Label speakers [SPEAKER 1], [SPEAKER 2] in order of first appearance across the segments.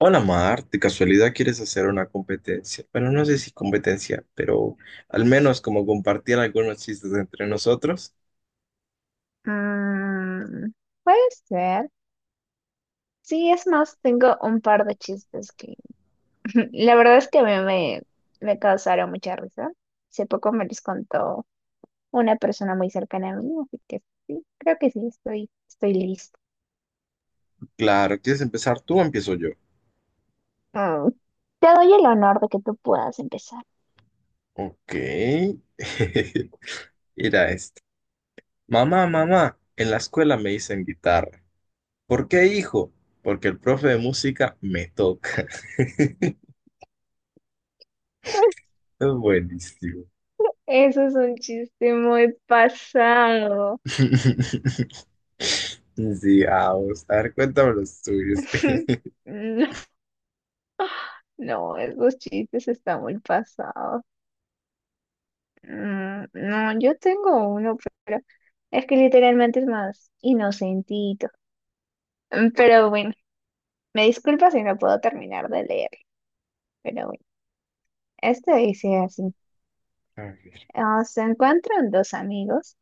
[SPEAKER 1] Hola Mar, ¿de casualidad quieres hacer una competencia? Bueno, no sé si competencia, pero al menos como compartir algunos chistes entre nosotros.
[SPEAKER 2] Mm, puede ser. Sí, es más, tengo un par de chistes que la verdad es que a mí me causaron mucha risa. Hace poco me los contó una persona muy cercana a mí, así que sí, creo que sí, estoy lista.
[SPEAKER 1] Claro, ¿quieres empezar tú o empiezo yo?
[SPEAKER 2] Mm. Te doy el honor de que tú puedas empezar.
[SPEAKER 1] Ok. Mira este. Mamá, mamá, en la escuela me dicen guitarra. ¿Por qué, hijo? Porque el profe de música me toca. Es buenísimo.
[SPEAKER 2] Eso es un chiste muy pasado.
[SPEAKER 1] Sí, vamos. A ver, cuéntame los tuyos.
[SPEAKER 2] No, no, esos chistes están muy pasados. No, yo tengo uno. Es que literalmente es más inocentito. Pero bueno, me disculpa si no puedo terminar de leer. Pero bueno, esto dice así.
[SPEAKER 1] A ver.
[SPEAKER 2] Ah, se encuentran dos amigos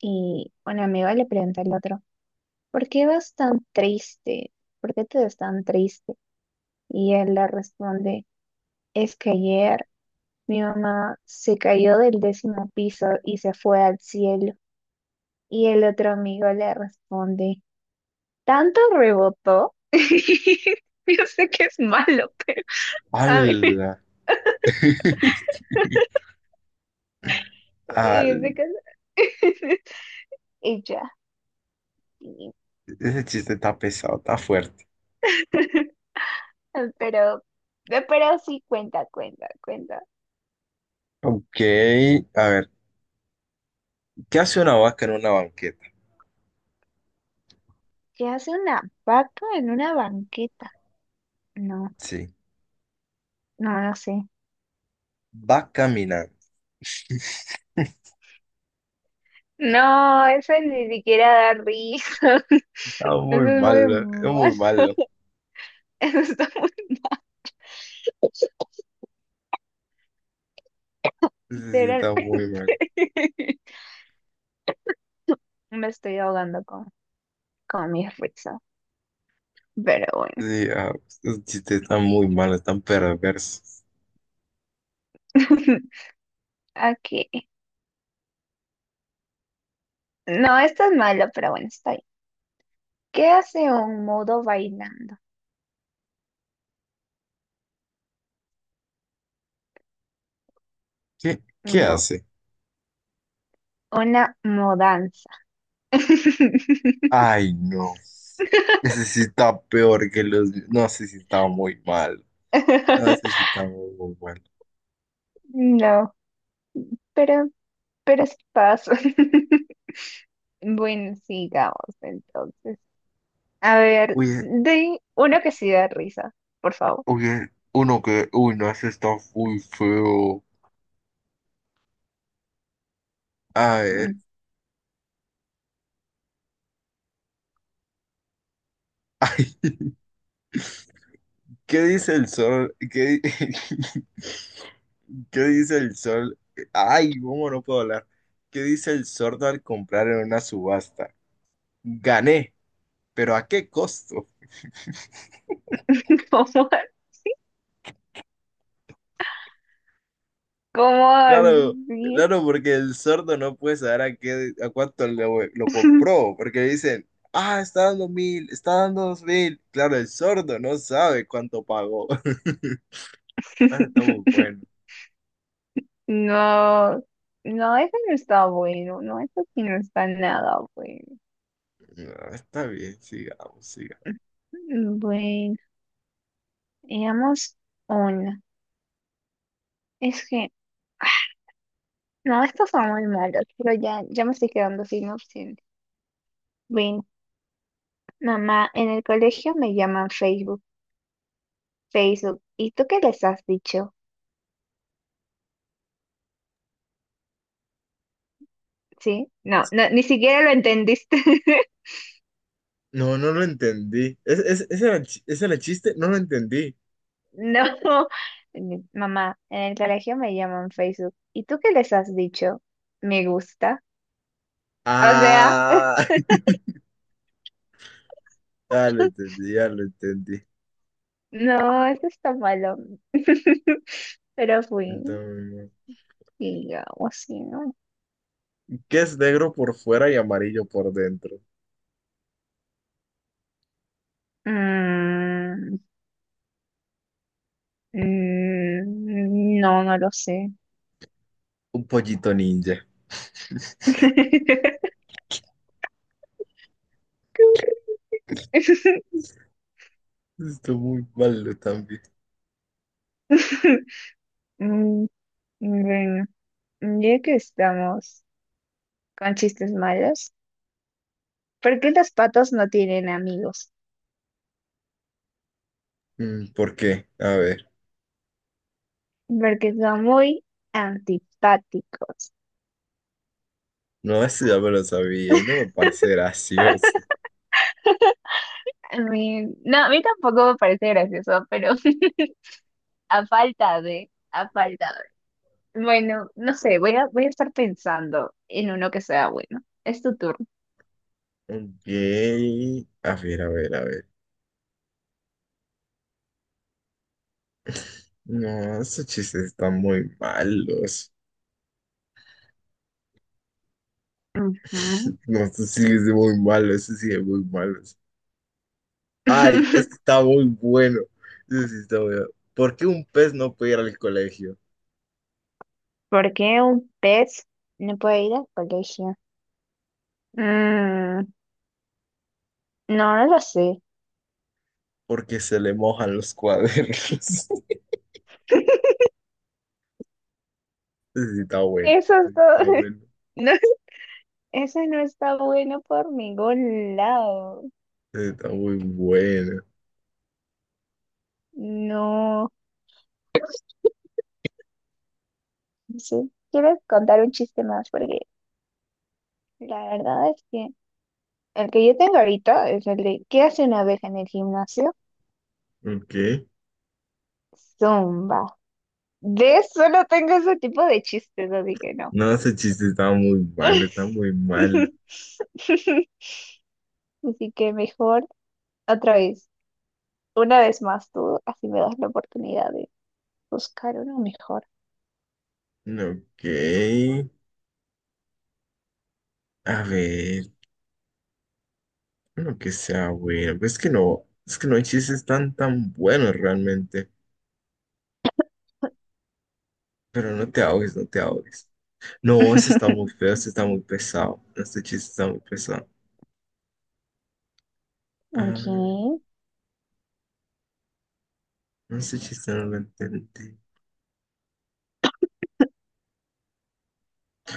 [SPEAKER 2] y un amigo le pregunta al otro, ¿por qué vas tan triste? ¿Por qué te ves tan triste? Y él le responde, es que ayer mi mamá se cayó del décimo piso y se fue al cielo. Y el otro amigo le responde, tanto rebotó. Yo sé que es malo, pero a mí me...
[SPEAKER 1] ¡Hala! Ah,
[SPEAKER 2] se casó. Ella. Sí.
[SPEAKER 1] ese chiste está pesado, está fuerte.
[SPEAKER 2] Pero, pero sí cuenta, cuenta, cuenta.
[SPEAKER 1] Ok, a ver, ¿qué hace una vaca en una banqueta?
[SPEAKER 2] ¿Qué hace una vaca en una banqueta? No,
[SPEAKER 1] Sí,
[SPEAKER 2] no lo sé.
[SPEAKER 1] va caminando.
[SPEAKER 2] No, eso ni siquiera da risa.
[SPEAKER 1] Está
[SPEAKER 2] Eso
[SPEAKER 1] muy
[SPEAKER 2] es muy
[SPEAKER 1] malo, es
[SPEAKER 2] mal.
[SPEAKER 1] muy malo.
[SPEAKER 2] Eso está muy.
[SPEAKER 1] Sí, sí, está muy
[SPEAKER 2] Literalmente
[SPEAKER 1] malo.
[SPEAKER 2] me estoy ahogando con mis risas. Pero bueno.
[SPEAKER 1] Sí, ah, esos chistes están muy malos, están perversos.
[SPEAKER 2] Aquí. No, esto es malo, pero bueno, está bien. ¿Qué hace un mudo bailando?
[SPEAKER 1] ¿Qué, qué
[SPEAKER 2] No,
[SPEAKER 1] hace?
[SPEAKER 2] una mudanza.
[SPEAKER 1] Ay, no. Ese sí está peor que los... No, sé si está muy mal. No, ese sí está muy, muy mal.
[SPEAKER 2] No, pero, pero es paso. Bueno, sigamos entonces. A ver,
[SPEAKER 1] Oye,
[SPEAKER 2] de uno que sí da risa, por favor.
[SPEAKER 1] oye, uno que... Uy, no, ese está muy feo. Ay,
[SPEAKER 2] Mm.
[SPEAKER 1] ay, ¿qué dice el sol? ¿Qué, qué dice el sol? Ay, ¿cómo no puedo hablar? ¿Qué dice el sordo al comprar en una subasta? Gané, pero ¿a qué costo?
[SPEAKER 2] ¿Cómo, cómo
[SPEAKER 1] Claro,
[SPEAKER 2] así?
[SPEAKER 1] claro, porque el sordo no puede saber a qué, a cuánto lo compró, porque le dicen, ah, está dando mil, está dando dos mil. Claro, el sordo no sabe cuánto pagó. Ah, está muy bueno.
[SPEAKER 2] No, no, eso no está bueno, no, eso sí no está nada bueno.
[SPEAKER 1] Ah, está bien, sigamos, sigamos.
[SPEAKER 2] Bueno. Digamos uno. Es que, no, estos son muy malos, pero ya me estoy quedando sin opciones. Veinte mamá, en el colegio me llaman Facebook, Facebook. ¿Y tú qué les has dicho? ¿Sí? No, no, ni siquiera lo entendiste.
[SPEAKER 1] No, no lo entendí. ¿Ese era ese era el chiste? No lo entendí.
[SPEAKER 2] No. Mamá, en el colegio me llaman Facebook. ¿Y tú qué les has dicho? Me gusta. O sea,
[SPEAKER 1] Ah, ya lo entendí, ya lo entendí.
[SPEAKER 2] no, eso está malo. Pero fui,
[SPEAKER 1] Entonces,
[SPEAKER 2] digamos, ¿sí? ¿no?
[SPEAKER 1] ¿qué es negro por fuera y amarillo por dentro?
[SPEAKER 2] Mm, no, no lo sé.
[SPEAKER 1] Un pollito ninja. Está muy malo también.
[SPEAKER 2] Mm, Bueno, ya que estamos con chistes malos, ¿por qué los patos no tienen amigos?
[SPEAKER 1] Mm, ¿por qué? A ver.
[SPEAKER 2] Porque son muy antipáticos.
[SPEAKER 1] No, eso ya me lo sabía y no me parece gracioso.
[SPEAKER 2] No, a mí tampoco me parece gracioso, pero a falta de. Bueno, no sé, voy a estar pensando en uno que sea bueno. Es tu turno.
[SPEAKER 1] Ok. A ver, a ver, a ver. No, esos chistes están muy malos.
[SPEAKER 2] Ujú.
[SPEAKER 1] No, esos sí es muy malo, eso sí es muy malo. Ay, este está muy bueno. Ese sí está bueno. ¿Por qué un pez no puede ir al colegio?
[SPEAKER 2] ¿Por qué un pez no puede ir al colegio? Mm, no, no lo sé.
[SPEAKER 1] Porque se le mojan los cuadernos. Ese sí está bueno.
[SPEAKER 2] Eso
[SPEAKER 1] Ese
[SPEAKER 2] es
[SPEAKER 1] sí
[SPEAKER 2] todo.
[SPEAKER 1] está bueno.
[SPEAKER 2] No, eso no está bueno por ningún lado.
[SPEAKER 1] Ese sí está muy bueno.
[SPEAKER 2] No, no sé. Quiero contar un chiste más porque la verdad es que el que yo tengo ahorita es el de ¿qué hace una abeja en el gimnasio?
[SPEAKER 1] Ok.
[SPEAKER 2] Zumba. De solo tengo ese tipo de chistes, así que no.
[SPEAKER 1] No, ese chiste está muy malo, está muy malo.
[SPEAKER 2] Así que mejor otra vez. Una vez más, tú así me das la oportunidad de buscar uno mejor.
[SPEAKER 1] Ok. A ver, bueno que sea bueno. Pues es que no hay chistes tan tan buenos realmente. Pero no te ahogues, no te ahogues. No, ese está muy feo, ese está muy pesado. Este chiste está muy pesado.
[SPEAKER 2] Ok,
[SPEAKER 1] Ah, no sé si no lo entendí.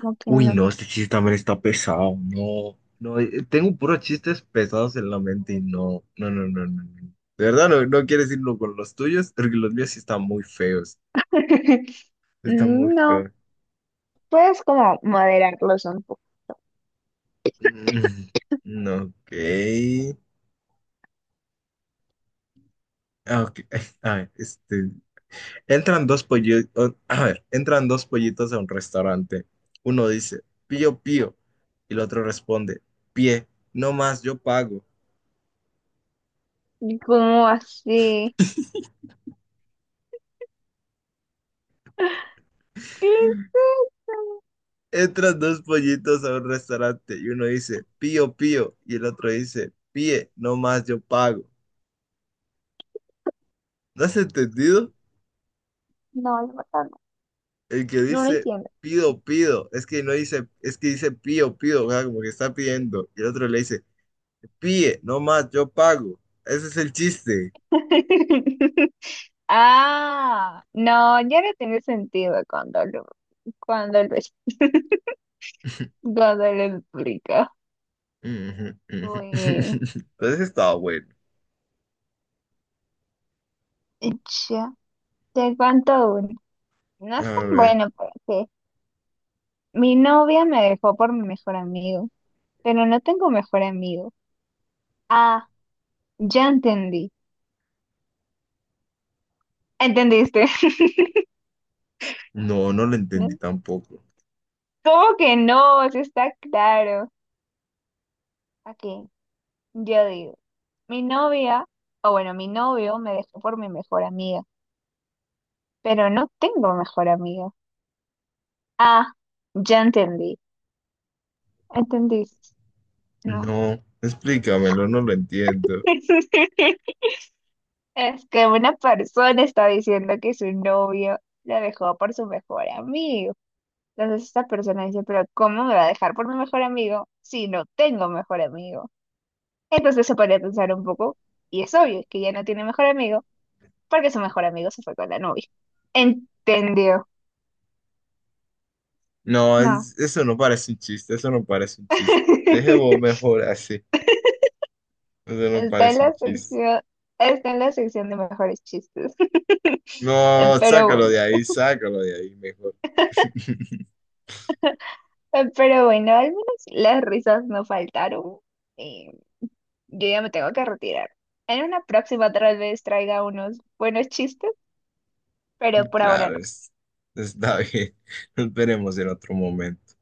[SPEAKER 2] ¿cómo que
[SPEAKER 1] Uy,
[SPEAKER 2] no?
[SPEAKER 1] no, este chiste también está pesado. No, no, tengo puros chistes pesados en la mente y no, no, no, no, no. no. De verdad, no, no quieres irlo con los tuyos, porque los míos sí están muy feos. Están muy
[SPEAKER 2] No,
[SPEAKER 1] feos.
[SPEAKER 2] puedes como moderarlos un poco.
[SPEAKER 1] Mm, no, ok. Ah, ok. A ver, este. Entran dos pollitos. A ver, entran dos pollitos a un restaurante. Uno dice, pío, pío. Y el otro responde, pie, no más, yo pago.
[SPEAKER 2] ¿Cómo así? ¿Qué es eso?
[SPEAKER 1] Entran dos pollitos a un restaurante y uno dice, pío, pío, y el otro dice, píe, no más yo pago. ¿No has entendido?
[SPEAKER 2] No, la verdad no.
[SPEAKER 1] El que
[SPEAKER 2] No lo
[SPEAKER 1] dice,
[SPEAKER 2] entiendo.
[SPEAKER 1] pido, pido, es que no dice, es que dice, pío, pío, o sea, como que está pidiendo. Y el otro le dice, píe, no más yo pago. Ese es el chiste.
[SPEAKER 2] Ah, no, ya no tiene sentido cuando lo, cuando lo explico. Uy,
[SPEAKER 1] Entonces estaba bueno.
[SPEAKER 2] ya, te cuento uno. No
[SPEAKER 1] A
[SPEAKER 2] es tan
[SPEAKER 1] ver.
[SPEAKER 2] bueno para. Mi novia me dejó por mi mejor amigo, pero no tengo mejor amigo. Ah, ya entendí. ¿Entendiste?
[SPEAKER 1] No, no lo entendí
[SPEAKER 2] ¿No?
[SPEAKER 1] tampoco.
[SPEAKER 2] ¿Cómo que no? Eso está claro. Aquí, yo digo, mi novia, o bueno, mi novio me dejó por mi mejor amiga, pero no tengo mejor amiga. Ah, ya entendí. ¿Entendiste? No.
[SPEAKER 1] No, explícamelo, no lo entiendo.
[SPEAKER 2] Es que una persona está diciendo que su novio la dejó por su mejor amigo. Entonces esta persona dice, pero ¿cómo me va a dejar por mi mejor amigo si no tengo mejor amigo? Entonces se podría pensar un poco, y es obvio que ya no tiene mejor amigo porque su mejor amigo se fue con la novia. ¿Entendió?
[SPEAKER 1] No,
[SPEAKER 2] No.
[SPEAKER 1] eso no parece un chiste, eso no parece un chiste. Dejemos mejor así, eso no
[SPEAKER 2] Está en
[SPEAKER 1] parece un
[SPEAKER 2] la
[SPEAKER 1] chiste.
[SPEAKER 2] sección, está en la sección de mejores chistes.
[SPEAKER 1] No,
[SPEAKER 2] Pero bueno,
[SPEAKER 1] sácalo de ahí mejor.
[SPEAKER 2] pero bueno, al menos las risas no faltaron. Y yo ya me tengo que retirar. En una próxima tal vez traiga unos buenos chistes, pero por ahora
[SPEAKER 1] Claro,
[SPEAKER 2] no.
[SPEAKER 1] es, está bien. Nos veremos en otro momento.